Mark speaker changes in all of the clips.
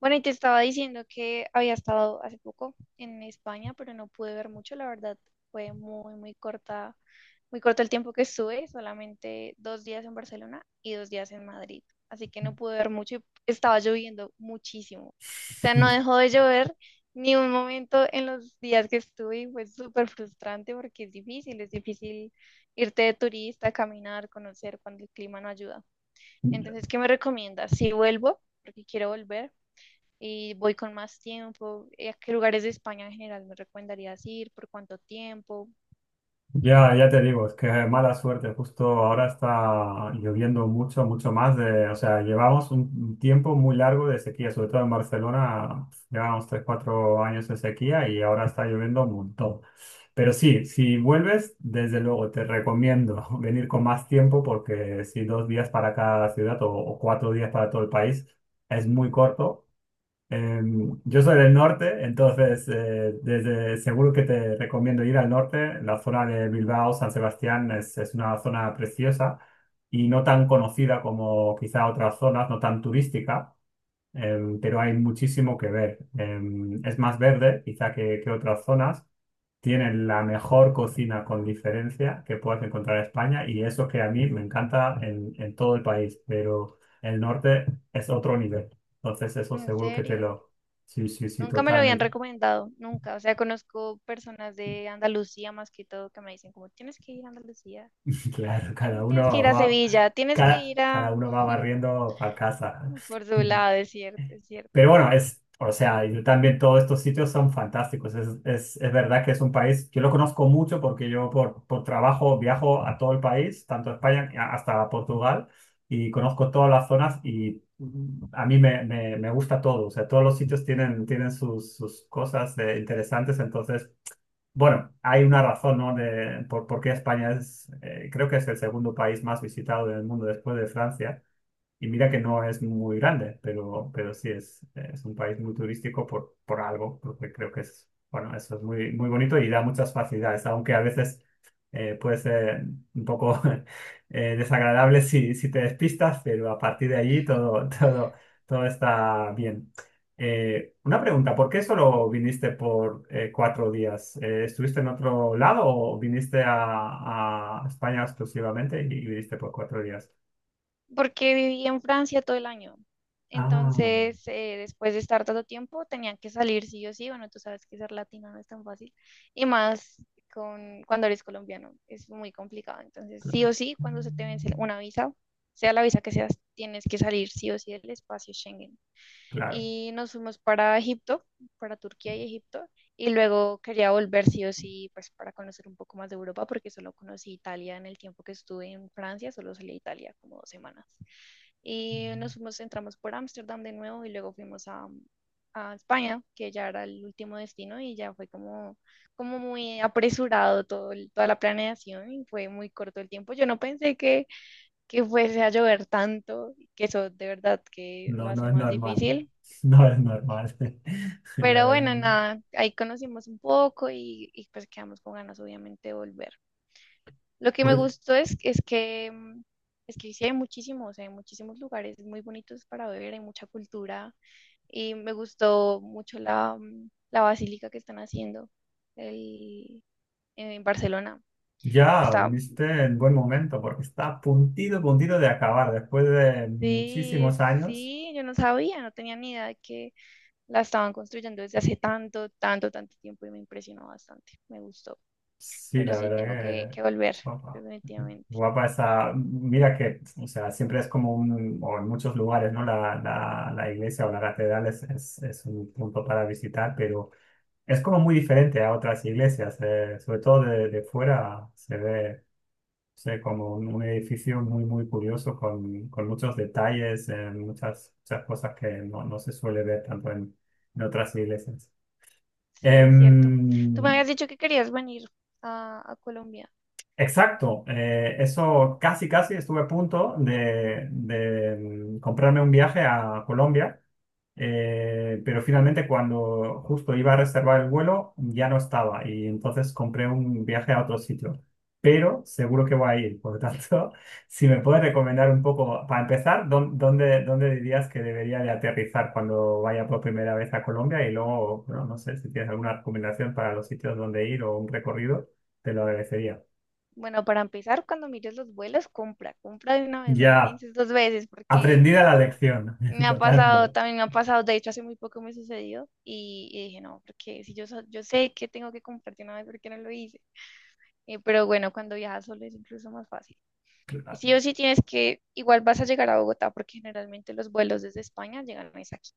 Speaker 1: Bueno, y te estaba diciendo que había estado hace poco en España, pero no pude ver mucho, la verdad. Fue muy, muy corta, muy corto el tiempo que estuve, solamente 2 días en Barcelona y 2 días en Madrid. Así que no pude ver mucho y estaba lloviendo muchísimo. O sea, no
Speaker 2: Mm.
Speaker 1: dejó de llover ni un momento en los días que estuve y fue súper frustrante porque es difícil irte de turista, caminar, conocer cuando el clima no ayuda. Entonces, ¿qué me recomiendas? Si vuelvo, porque quiero volver y voy con más tiempo. ¿A qué lugares de España en general me recomendarías ir? ¿Por cuánto tiempo?
Speaker 2: Ya te digo, es que mala suerte. Justo ahora está lloviendo mucho, mucho más de, o sea, llevamos un tiempo muy largo de sequía, sobre todo en Barcelona, llevamos 3, 4 años de sequía y ahora está lloviendo un montón. Pero sí, si vuelves, desde luego te recomiendo venir con más tiempo porque si 2 días para cada ciudad o 4 días para todo el país es muy corto. Yo soy del norte, entonces seguro que te recomiendo ir al norte. La zona de Bilbao, San Sebastián es una zona preciosa y no tan conocida como quizá otras zonas, no tan turística, pero hay muchísimo que ver. Es más verde quizá que otras zonas tienen la mejor cocina con diferencia que puedas encontrar en España y eso que a mí me encanta en todo el país, pero el norte es otro nivel. Entonces eso
Speaker 1: En
Speaker 2: seguro que te
Speaker 1: serio,
Speaker 2: lo... Sí, sí, sí,
Speaker 1: nunca me lo habían
Speaker 2: totalmente.
Speaker 1: recomendado, nunca. O sea, conozco personas de Andalucía más que todo que me dicen como, tienes que ir a Andalucía,
Speaker 2: Claro, cada
Speaker 1: tienes que ir
Speaker 2: uno
Speaker 1: a
Speaker 2: va,
Speaker 1: Sevilla, tienes que
Speaker 2: cada,
Speaker 1: ir
Speaker 2: cada
Speaker 1: a
Speaker 2: uno va barriendo para casa.
Speaker 1: Córdoba, es cierto, es cierto.
Speaker 2: Pero bueno, o sea, yo también todos estos sitios son fantásticos. Es verdad que es un país, yo lo conozco mucho porque yo por trabajo viajo a todo el país, tanto a España hasta Portugal, y conozco todas las zonas y a mí me gusta todo. O sea, todos los sitios tienen sus cosas interesantes. Entonces, bueno, hay una razón, ¿no? Por qué España, creo que es el segundo país más visitado del mundo después de Francia. Y mira que no es muy grande, pero sí es un país muy turístico por algo, porque creo que es, bueno, eso es muy, muy bonito y da muchas facilidades, aunque a veces puede ser un poco desagradable si te despistas, pero a partir de allí todo, todo, todo está bien. Una pregunta, ¿por qué solo viniste por 4 días? ¿Estuviste en otro lado o viniste a España exclusivamente y viniste por 4 días?
Speaker 1: Porque viví en Francia todo el año.
Speaker 2: Ah.
Speaker 1: Entonces, después de estar tanto tiempo, tenían que salir sí o sí. Bueno, tú sabes que ser latino no es tan fácil. Y más cuando eres colombiano, es muy complicado. Entonces, sí
Speaker 2: Claro.
Speaker 1: o sí, cuando se te vence una visa, sea la visa que seas, tienes que salir sí o sí del espacio Schengen
Speaker 2: Claro.
Speaker 1: y nos fuimos para Egipto, para Turquía y Egipto, y luego quería volver sí o sí, pues para conocer un poco más de Europa, porque solo conocí Italia en el tiempo que estuve en Francia, solo salí a Italia como 2 semanas. Y nos fuimos, entramos por Ámsterdam de nuevo y luego fuimos a, España, que ya era el último destino y ya fue como, como muy apresurado todo, toda la planeación y fue muy corto el tiempo. Yo no pensé que fuese a llover tanto, que eso de verdad que lo
Speaker 2: No, no
Speaker 1: hace
Speaker 2: es
Speaker 1: más
Speaker 2: normal.
Speaker 1: difícil,
Speaker 2: No es normal. La
Speaker 1: pero bueno,
Speaker 2: verdad.
Speaker 1: nada, ahí conocimos un poco pues quedamos con ganas, obviamente, de volver. Lo que me
Speaker 2: Pues
Speaker 1: gustó es que sí hay muchísimos lugares muy bonitos para ver, hay mucha cultura y me gustó mucho la basílica que están haciendo el- en Barcelona.
Speaker 2: ya
Speaker 1: Está,
Speaker 2: viste en buen momento, porque está a puntito, puntito de acabar. Después de
Speaker 1: sí,
Speaker 2: muchísimos años,
Speaker 1: sí, yo no sabía, no tenía ni idea de que la estaban construyendo desde hace tanto, tanto, tanto tiempo y me impresionó bastante, me gustó.
Speaker 2: sí,
Speaker 1: Pero
Speaker 2: la
Speaker 1: sí,
Speaker 2: verdad
Speaker 1: tengo que,
Speaker 2: que
Speaker 1: que volver,
Speaker 2: guapa.
Speaker 1: definitivamente.
Speaker 2: Guapa esa. Mira que, o sea, siempre es como un, o en muchos lugares, ¿no? La iglesia o la catedral es un punto para visitar, pero es como muy diferente a otras iglesias. Sobre todo de fuera se ve, como un edificio muy, muy curioso con muchos detalles, muchas, muchas cosas que no se suele ver tanto en otras iglesias.
Speaker 1: Sí, es cierto. Tú me
Speaker 2: Em,
Speaker 1: habías dicho que querías venir a Colombia.
Speaker 2: Exacto, eso casi casi estuve a punto comprarme un viaje a Colombia, pero finalmente cuando justo iba a reservar el vuelo ya no estaba y entonces compré un viaje a otro sitio, pero seguro que voy a ir, por lo tanto, si me puedes recomendar un poco, para empezar, ¿dónde dirías que debería de aterrizar cuando vaya por primera vez a Colombia? Y luego, bueno, no sé si tienes alguna recomendación para los sitios donde ir o un recorrido, te lo agradecería.
Speaker 1: Bueno, para empezar, cuando mires los vuelos, compra de una vez, no lo
Speaker 2: Ya,
Speaker 1: pienses dos veces, porque
Speaker 2: aprendida la lección,
Speaker 1: me ha pasado,
Speaker 2: totalmente.
Speaker 1: también me ha pasado, de hecho, hace muy poco me sucedió y dije, no, porque si yo, so- yo sé que tengo que comprar de una vez, ¿por qué no lo hice? Pero bueno, cuando viajas solo es incluso más fácil. Y sí
Speaker 2: Claro.
Speaker 1: o sí tienes que, igual vas a llegar a Bogotá, porque generalmente los vuelos desde España llegan es aquí.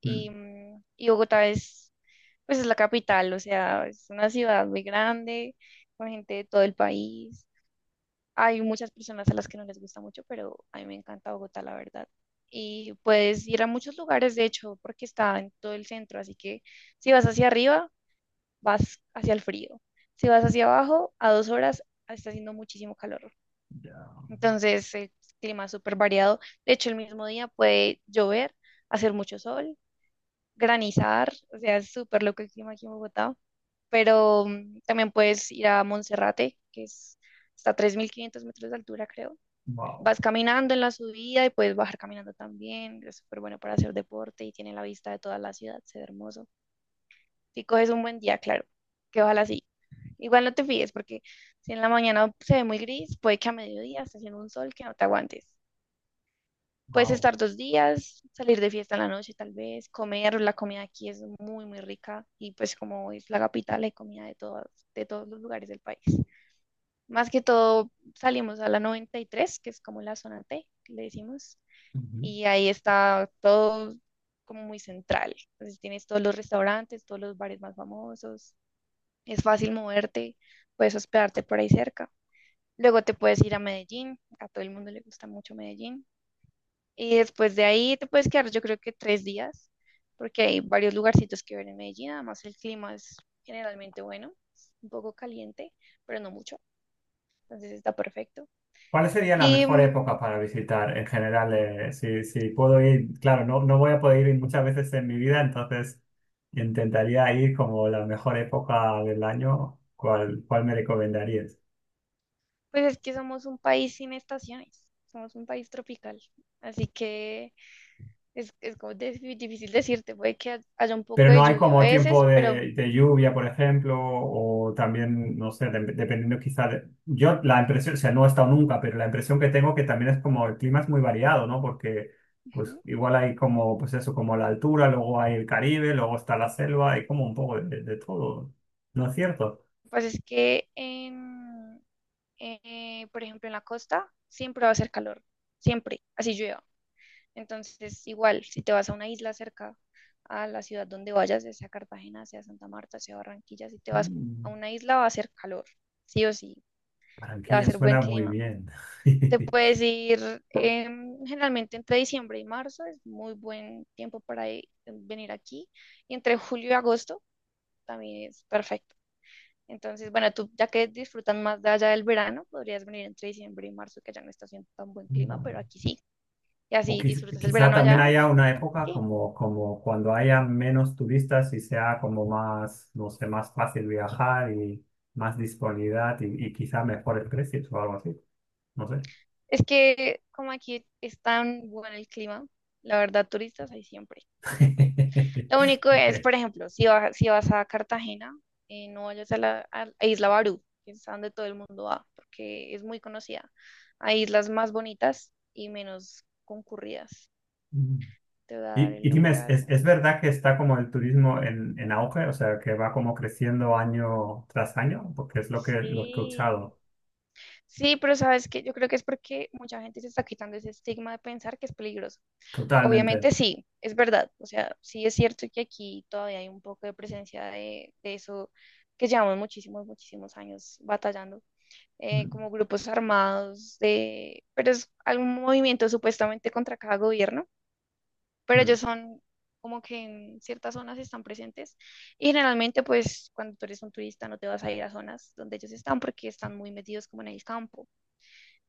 Speaker 1: Y,
Speaker 2: Mm.
Speaker 1: mm, y Bogotá es, pues es la capital, o sea, es una ciudad muy grande, con gente de todo el país. Hay muchas personas a las que no les gusta mucho, pero a mí me encanta Bogotá, la verdad. Y puedes ir a muchos lugares, de hecho, porque está en todo el centro, así que si vas hacia arriba, vas hacia el frío. Si vas hacia abajo, a 2 horas, está haciendo muchísimo calor.
Speaker 2: Ya.
Speaker 1: Entonces, el clima es súper variado. De hecho, el mismo día puede llover, hacer mucho sol, granizar, o sea, es súper loco el clima aquí en Bogotá. También puedes ir a Monserrate, está a 3.500 metros de altura, creo.
Speaker 2: Wow,
Speaker 1: Vas caminando en la subida y puedes bajar caminando también. Es súper bueno para hacer deporte y tiene la vista de toda la ciudad, se ve hermoso. Si coges un buen día, claro, que ojalá sí. Igual no te fíes porque si en la mañana se ve muy gris, puede que a mediodía esté haciendo un sol que no te aguantes. Puedes
Speaker 2: wow.
Speaker 1: estar 2 días, salir de fiesta en la noche tal vez, comer, la comida aquí es muy, muy rica y pues como es la capital, hay comida de todos los lugares del país. Más que todo salimos a la 93, que es como la zona T, que le decimos,
Speaker 2: Ujú.
Speaker 1: y ahí está todo como muy central. Entonces tienes todos los restaurantes, todos los bares más famosos, es fácil moverte, puedes hospedarte por ahí cerca. Luego te puedes ir a Medellín, a todo el mundo le gusta mucho Medellín. Y después de ahí te puedes quedar yo creo que 3 días, porque hay varios lugarcitos que ver en Medellín, además el clima es generalmente bueno, es un poco caliente, pero no mucho, entonces está perfecto.
Speaker 2: ¿Cuál sería la
Speaker 1: Y
Speaker 2: mejor época
Speaker 1: mm,
Speaker 2: para visitar en general? Si puedo ir, claro, no voy a poder ir muchas veces en mi vida, entonces intentaría ir como la mejor época del año. ¿Cuál me recomendarías?
Speaker 1: pues es que somos un país sin estaciones, somos un país tropical, así que es como difícil decirte, puede que haya un
Speaker 2: Pero
Speaker 1: poco de
Speaker 2: no hay
Speaker 1: lluvia a
Speaker 2: como tiempo
Speaker 1: veces, pero
Speaker 2: de lluvia, por ejemplo, o también, no sé, dependiendo quizá de. Yo la impresión, o sea, no he estado nunca, pero la impresión que tengo que también es como el clima es muy variado, ¿no? Porque pues
Speaker 1: ujú,
Speaker 2: igual hay como, pues eso, como la altura, luego hay el Caribe, luego está la selva, hay como un poco de todo, ¿no es cierto?
Speaker 1: pues es que por ejemplo en la costa siempre va a hacer calor, siempre, así llueva. Entonces igual, si te vas a una isla cerca a la ciudad donde vayas, ya sea Cartagena, sea Santa Marta, sea Barranquilla, si te vas a
Speaker 2: Mm.
Speaker 1: una isla va a hacer calor, sí o sí, te va a
Speaker 2: Barranquilla
Speaker 1: hacer buen
Speaker 2: suena muy
Speaker 1: clima.
Speaker 2: bien.
Speaker 1: Te puedes ir, generalmente entre diciembre y marzo, es muy buen tiempo para venir aquí. Y entre julio y agosto también es perfecto. Entonces, bueno, tú ya que disfrutan más de allá del verano, podrías venir entre diciembre y marzo, que allá no está haciendo tan buen clima, pero aquí sí. Y
Speaker 2: O
Speaker 1: así disfrutas el
Speaker 2: quizá
Speaker 1: verano
Speaker 2: también
Speaker 1: allá.
Speaker 2: haya una
Speaker 1: y
Speaker 2: época
Speaker 1: sí.
Speaker 2: como, cuando haya menos turistas y sea como más, no sé, más fácil viajar y más disponibilidad y quizá mejores precios o algo así. No sé.
Speaker 1: Es que como aquí es tan bueno el clima, la verdad, turistas hay siempre, siempre. Lo único
Speaker 2: Ok.
Speaker 1: es, por ejemplo, si vas a Cartagena, no vayas a la a Isla Barú, que es a donde todo el mundo va, porque es muy conocida. Hay islas más bonitas y menos concurridas.
Speaker 2: Mm.
Speaker 1: Te voy a dar
Speaker 2: Y,
Speaker 1: el
Speaker 2: y dime,
Speaker 1: nombre de
Speaker 2: ¿es, es-
Speaker 1: algo.
Speaker 2: es verdad que está como el turismo en auge? O sea, que va como creciendo año tras año, porque es lo que he
Speaker 1: Sí,
Speaker 2: escuchado.
Speaker 1: sí, pero sabes que yo creo que es porque mucha gente se está quitando ese estigma de pensar que es peligroso.
Speaker 2: Totalmente.
Speaker 1: Obviamente sí, es verdad. O sea, sí es cierto que aquí todavía hay un poco de presencia de, eso que llevamos muchísimos, muchísimos años batallando,
Speaker 2: Mm,
Speaker 1: como grupos armados pero es algún movimiento supuestamente contra cada gobierno, pero
Speaker 2: mm.
Speaker 1: ellos son como que en ciertas zonas están presentes y generalmente pues cuando tú eres un turista no te vas a ir a zonas donde ellos están porque están muy metidos como en el campo,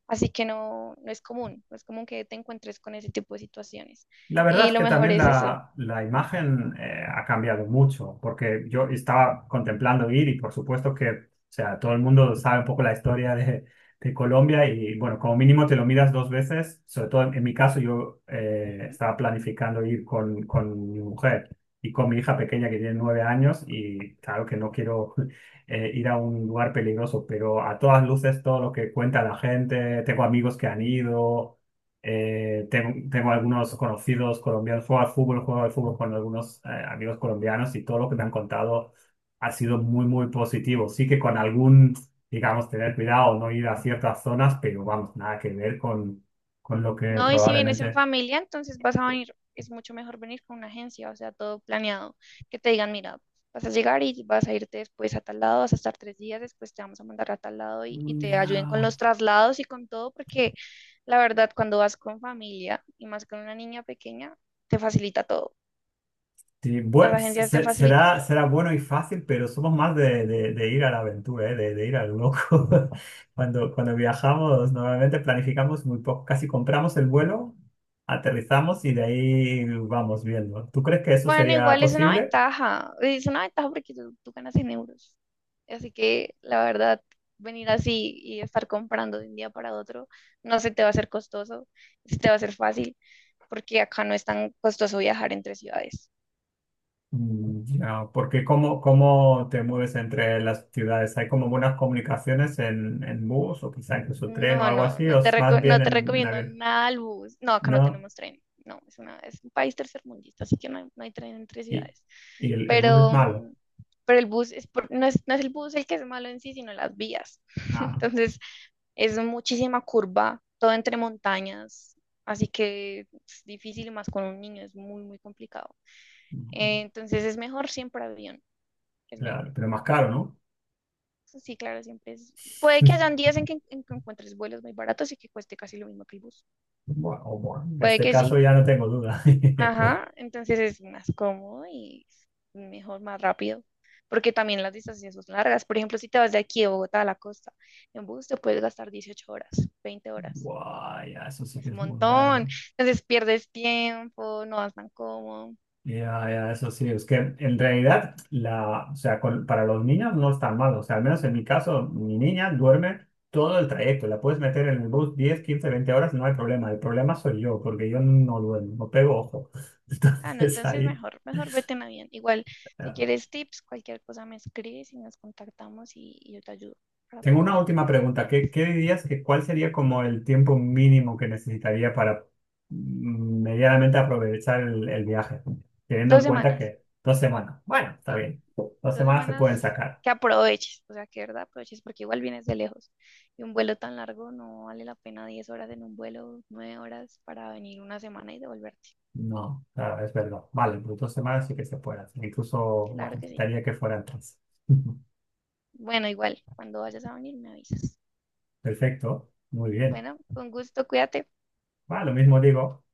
Speaker 1: así que no, no es común que te encuentres con ese tipo de situaciones
Speaker 2: La verdad
Speaker 1: y
Speaker 2: es
Speaker 1: lo
Speaker 2: que
Speaker 1: mejor
Speaker 2: también
Speaker 1: es eso.
Speaker 2: la imagen ha cambiado mucho, porque yo estaba contemplando ir y por supuesto que, o sea, todo el mundo sabe un poco la historia de Colombia y bueno, como mínimo te lo miras dos veces, sobre todo en mi caso yo
Speaker 1: Ujú.
Speaker 2: estaba planificando ir con mi mujer y con mi hija pequeña que tiene 9 años y claro que no quiero ir a un lugar peligroso, pero a todas luces todo lo que cuenta la gente, tengo amigos que han ido. Tengo algunos conocidos colombianos, juego al fútbol con algunos amigos colombianos y todo lo que me han contado ha sido muy, muy positivo. Sí que con algún, digamos, tener cuidado, no ir a ciertas zonas, pero vamos, nada que ver con, lo que
Speaker 1: No, y si vienes en
Speaker 2: probablemente...
Speaker 1: familia, entonces vas a venir, es mucho mejor venir con una agencia, o sea, todo planeado, que te digan, mira, vas a llegar y vas a irte después a tal lado, vas a estar 3 días, después te vamos a mandar a tal lado y te ayuden con
Speaker 2: Ya.
Speaker 1: los traslados y con todo, porque la verdad, cuando vas con familia y más con una niña pequeña, te facilita todo.
Speaker 2: Sí,
Speaker 1: Las
Speaker 2: bue-
Speaker 1: agencias te
Speaker 2: se-
Speaker 1: facilitan
Speaker 2: será,
Speaker 1: todo.
Speaker 2: será bueno y fácil, pero somos más de ir a la aventura, ¿eh? De ir al loco. Cuando viajamos, normalmente planificamos muy poco, casi compramos el vuelo, aterrizamos y de ahí vamos viendo. ¿Tú crees que eso
Speaker 1: Bueno,
Speaker 2: sería
Speaker 1: igual
Speaker 2: posible?
Speaker 1: es una ventaja porque tú ganas en euros. Así que la verdad, venir así y estar comprando de un día para otro, no se te va a hacer costoso, se te va a hacer fácil, porque acá no es tan costoso viajar entre ciudades.
Speaker 2: Ya, porque ¿cómo te mueves entre las ciudades? ¿Hay como buenas comunicaciones en bus o quizá incluso tren o
Speaker 1: No,
Speaker 2: algo
Speaker 1: no,
Speaker 2: así? ¿O es más bien
Speaker 1: no te
Speaker 2: en
Speaker 1: recomiendo
Speaker 2: avión?
Speaker 1: nada al bus. No, acá no
Speaker 2: ¿No?
Speaker 1: tenemos tren. No, es un país tercermundista, así que no hay tren entre
Speaker 2: ¿Y,
Speaker 1: ciudades.
Speaker 2: y el bus es
Speaker 1: Pero,
Speaker 2: malo?
Speaker 1: mm, pero el bus no es, el bus el que es malo en sí, sino las vías.
Speaker 2: Ah.
Speaker 1: Entonces, es muchísima curva, todo entre montañas, así que es difícil y más con un niño, es muy, muy complicado.
Speaker 2: No.
Speaker 1: Entonces es mejor siempre avión, es mejor.
Speaker 2: Claro, pero más caro, ¿no?
Speaker 1: Sí, claro, siempre es. Puede que hayan días en que encuentres vuelos muy baratos y que cueste casi lo mismo que el bus.
Speaker 2: Bueno, o bueno, en
Speaker 1: Puede
Speaker 2: este
Speaker 1: que
Speaker 2: caso
Speaker 1: sí.
Speaker 2: ya no tengo duda.
Speaker 1: Ajá. Entonces es más cómodo y mejor, más rápido. Porque también las distancias son largas. Por ejemplo, si te vas de aquí de Bogotá a la costa, en bus te puedes gastar 18 horas, 20 horas.
Speaker 2: Guay, ya, eso sí que
Speaker 1: Es un
Speaker 2: es muy
Speaker 1: montón.
Speaker 2: largo.
Speaker 1: Entonces pierdes tiempo, no vas tan cómodo.
Speaker 2: Ya, ya, eso sí, es que en realidad, la, o sea, para los niños no es tan malo. O sea, al menos en mi caso, mi niña duerme todo el trayecto. La puedes meter en el bus 10, 15, 20 horas, no hay problema. El problema soy yo, porque yo no duermo, no pego ojo.
Speaker 1: Ah, no,
Speaker 2: Entonces
Speaker 1: entonces
Speaker 2: ahí.
Speaker 1: mejor, mejor vete en avión. Igual, si quieres tips, cualquier cosa me escribes y nos contactamos y yo te ayudo para
Speaker 2: Tengo una
Speaker 1: cuando
Speaker 2: última pregunta.
Speaker 1: vengas.
Speaker 2: ¿Qué dirías que cuál sería como el tiempo mínimo que necesitaría para medianamente aprovechar el viaje? Teniendo
Speaker 1: Dos
Speaker 2: en cuenta
Speaker 1: semanas.
Speaker 2: que 2 semanas, bueno, está
Speaker 1: Sí.
Speaker 2: bien, dos
Speaker 1: Dos
Speaker 2: semanas se pueden
Speaker 1: semanas
Speaker 2: sacar.
Speaker 1: que aproveches, o sea, que de verdad aproveches porque igual vienes de lejos. Y un vuelo tan largo no vale la pena 10 horas en un vuelo, 9 horas para venir una semana y devolverte.
Speaker 2: No, claro, es verdad. Vale, pues 2 semanas sí que se pueden hacer. Incluso, bueno,
Speaker 1: Claro que sí.
Speaker 2: intentaría que fueran tres.
Speaker 1: Bueno, igual, cuando vayas a venir me avisas.
Speaker 2: Perfecto, muy bien.
Speaker 1: Bueno, con gusto, cuídate.
Speaker 2: Va, lo mismo digo.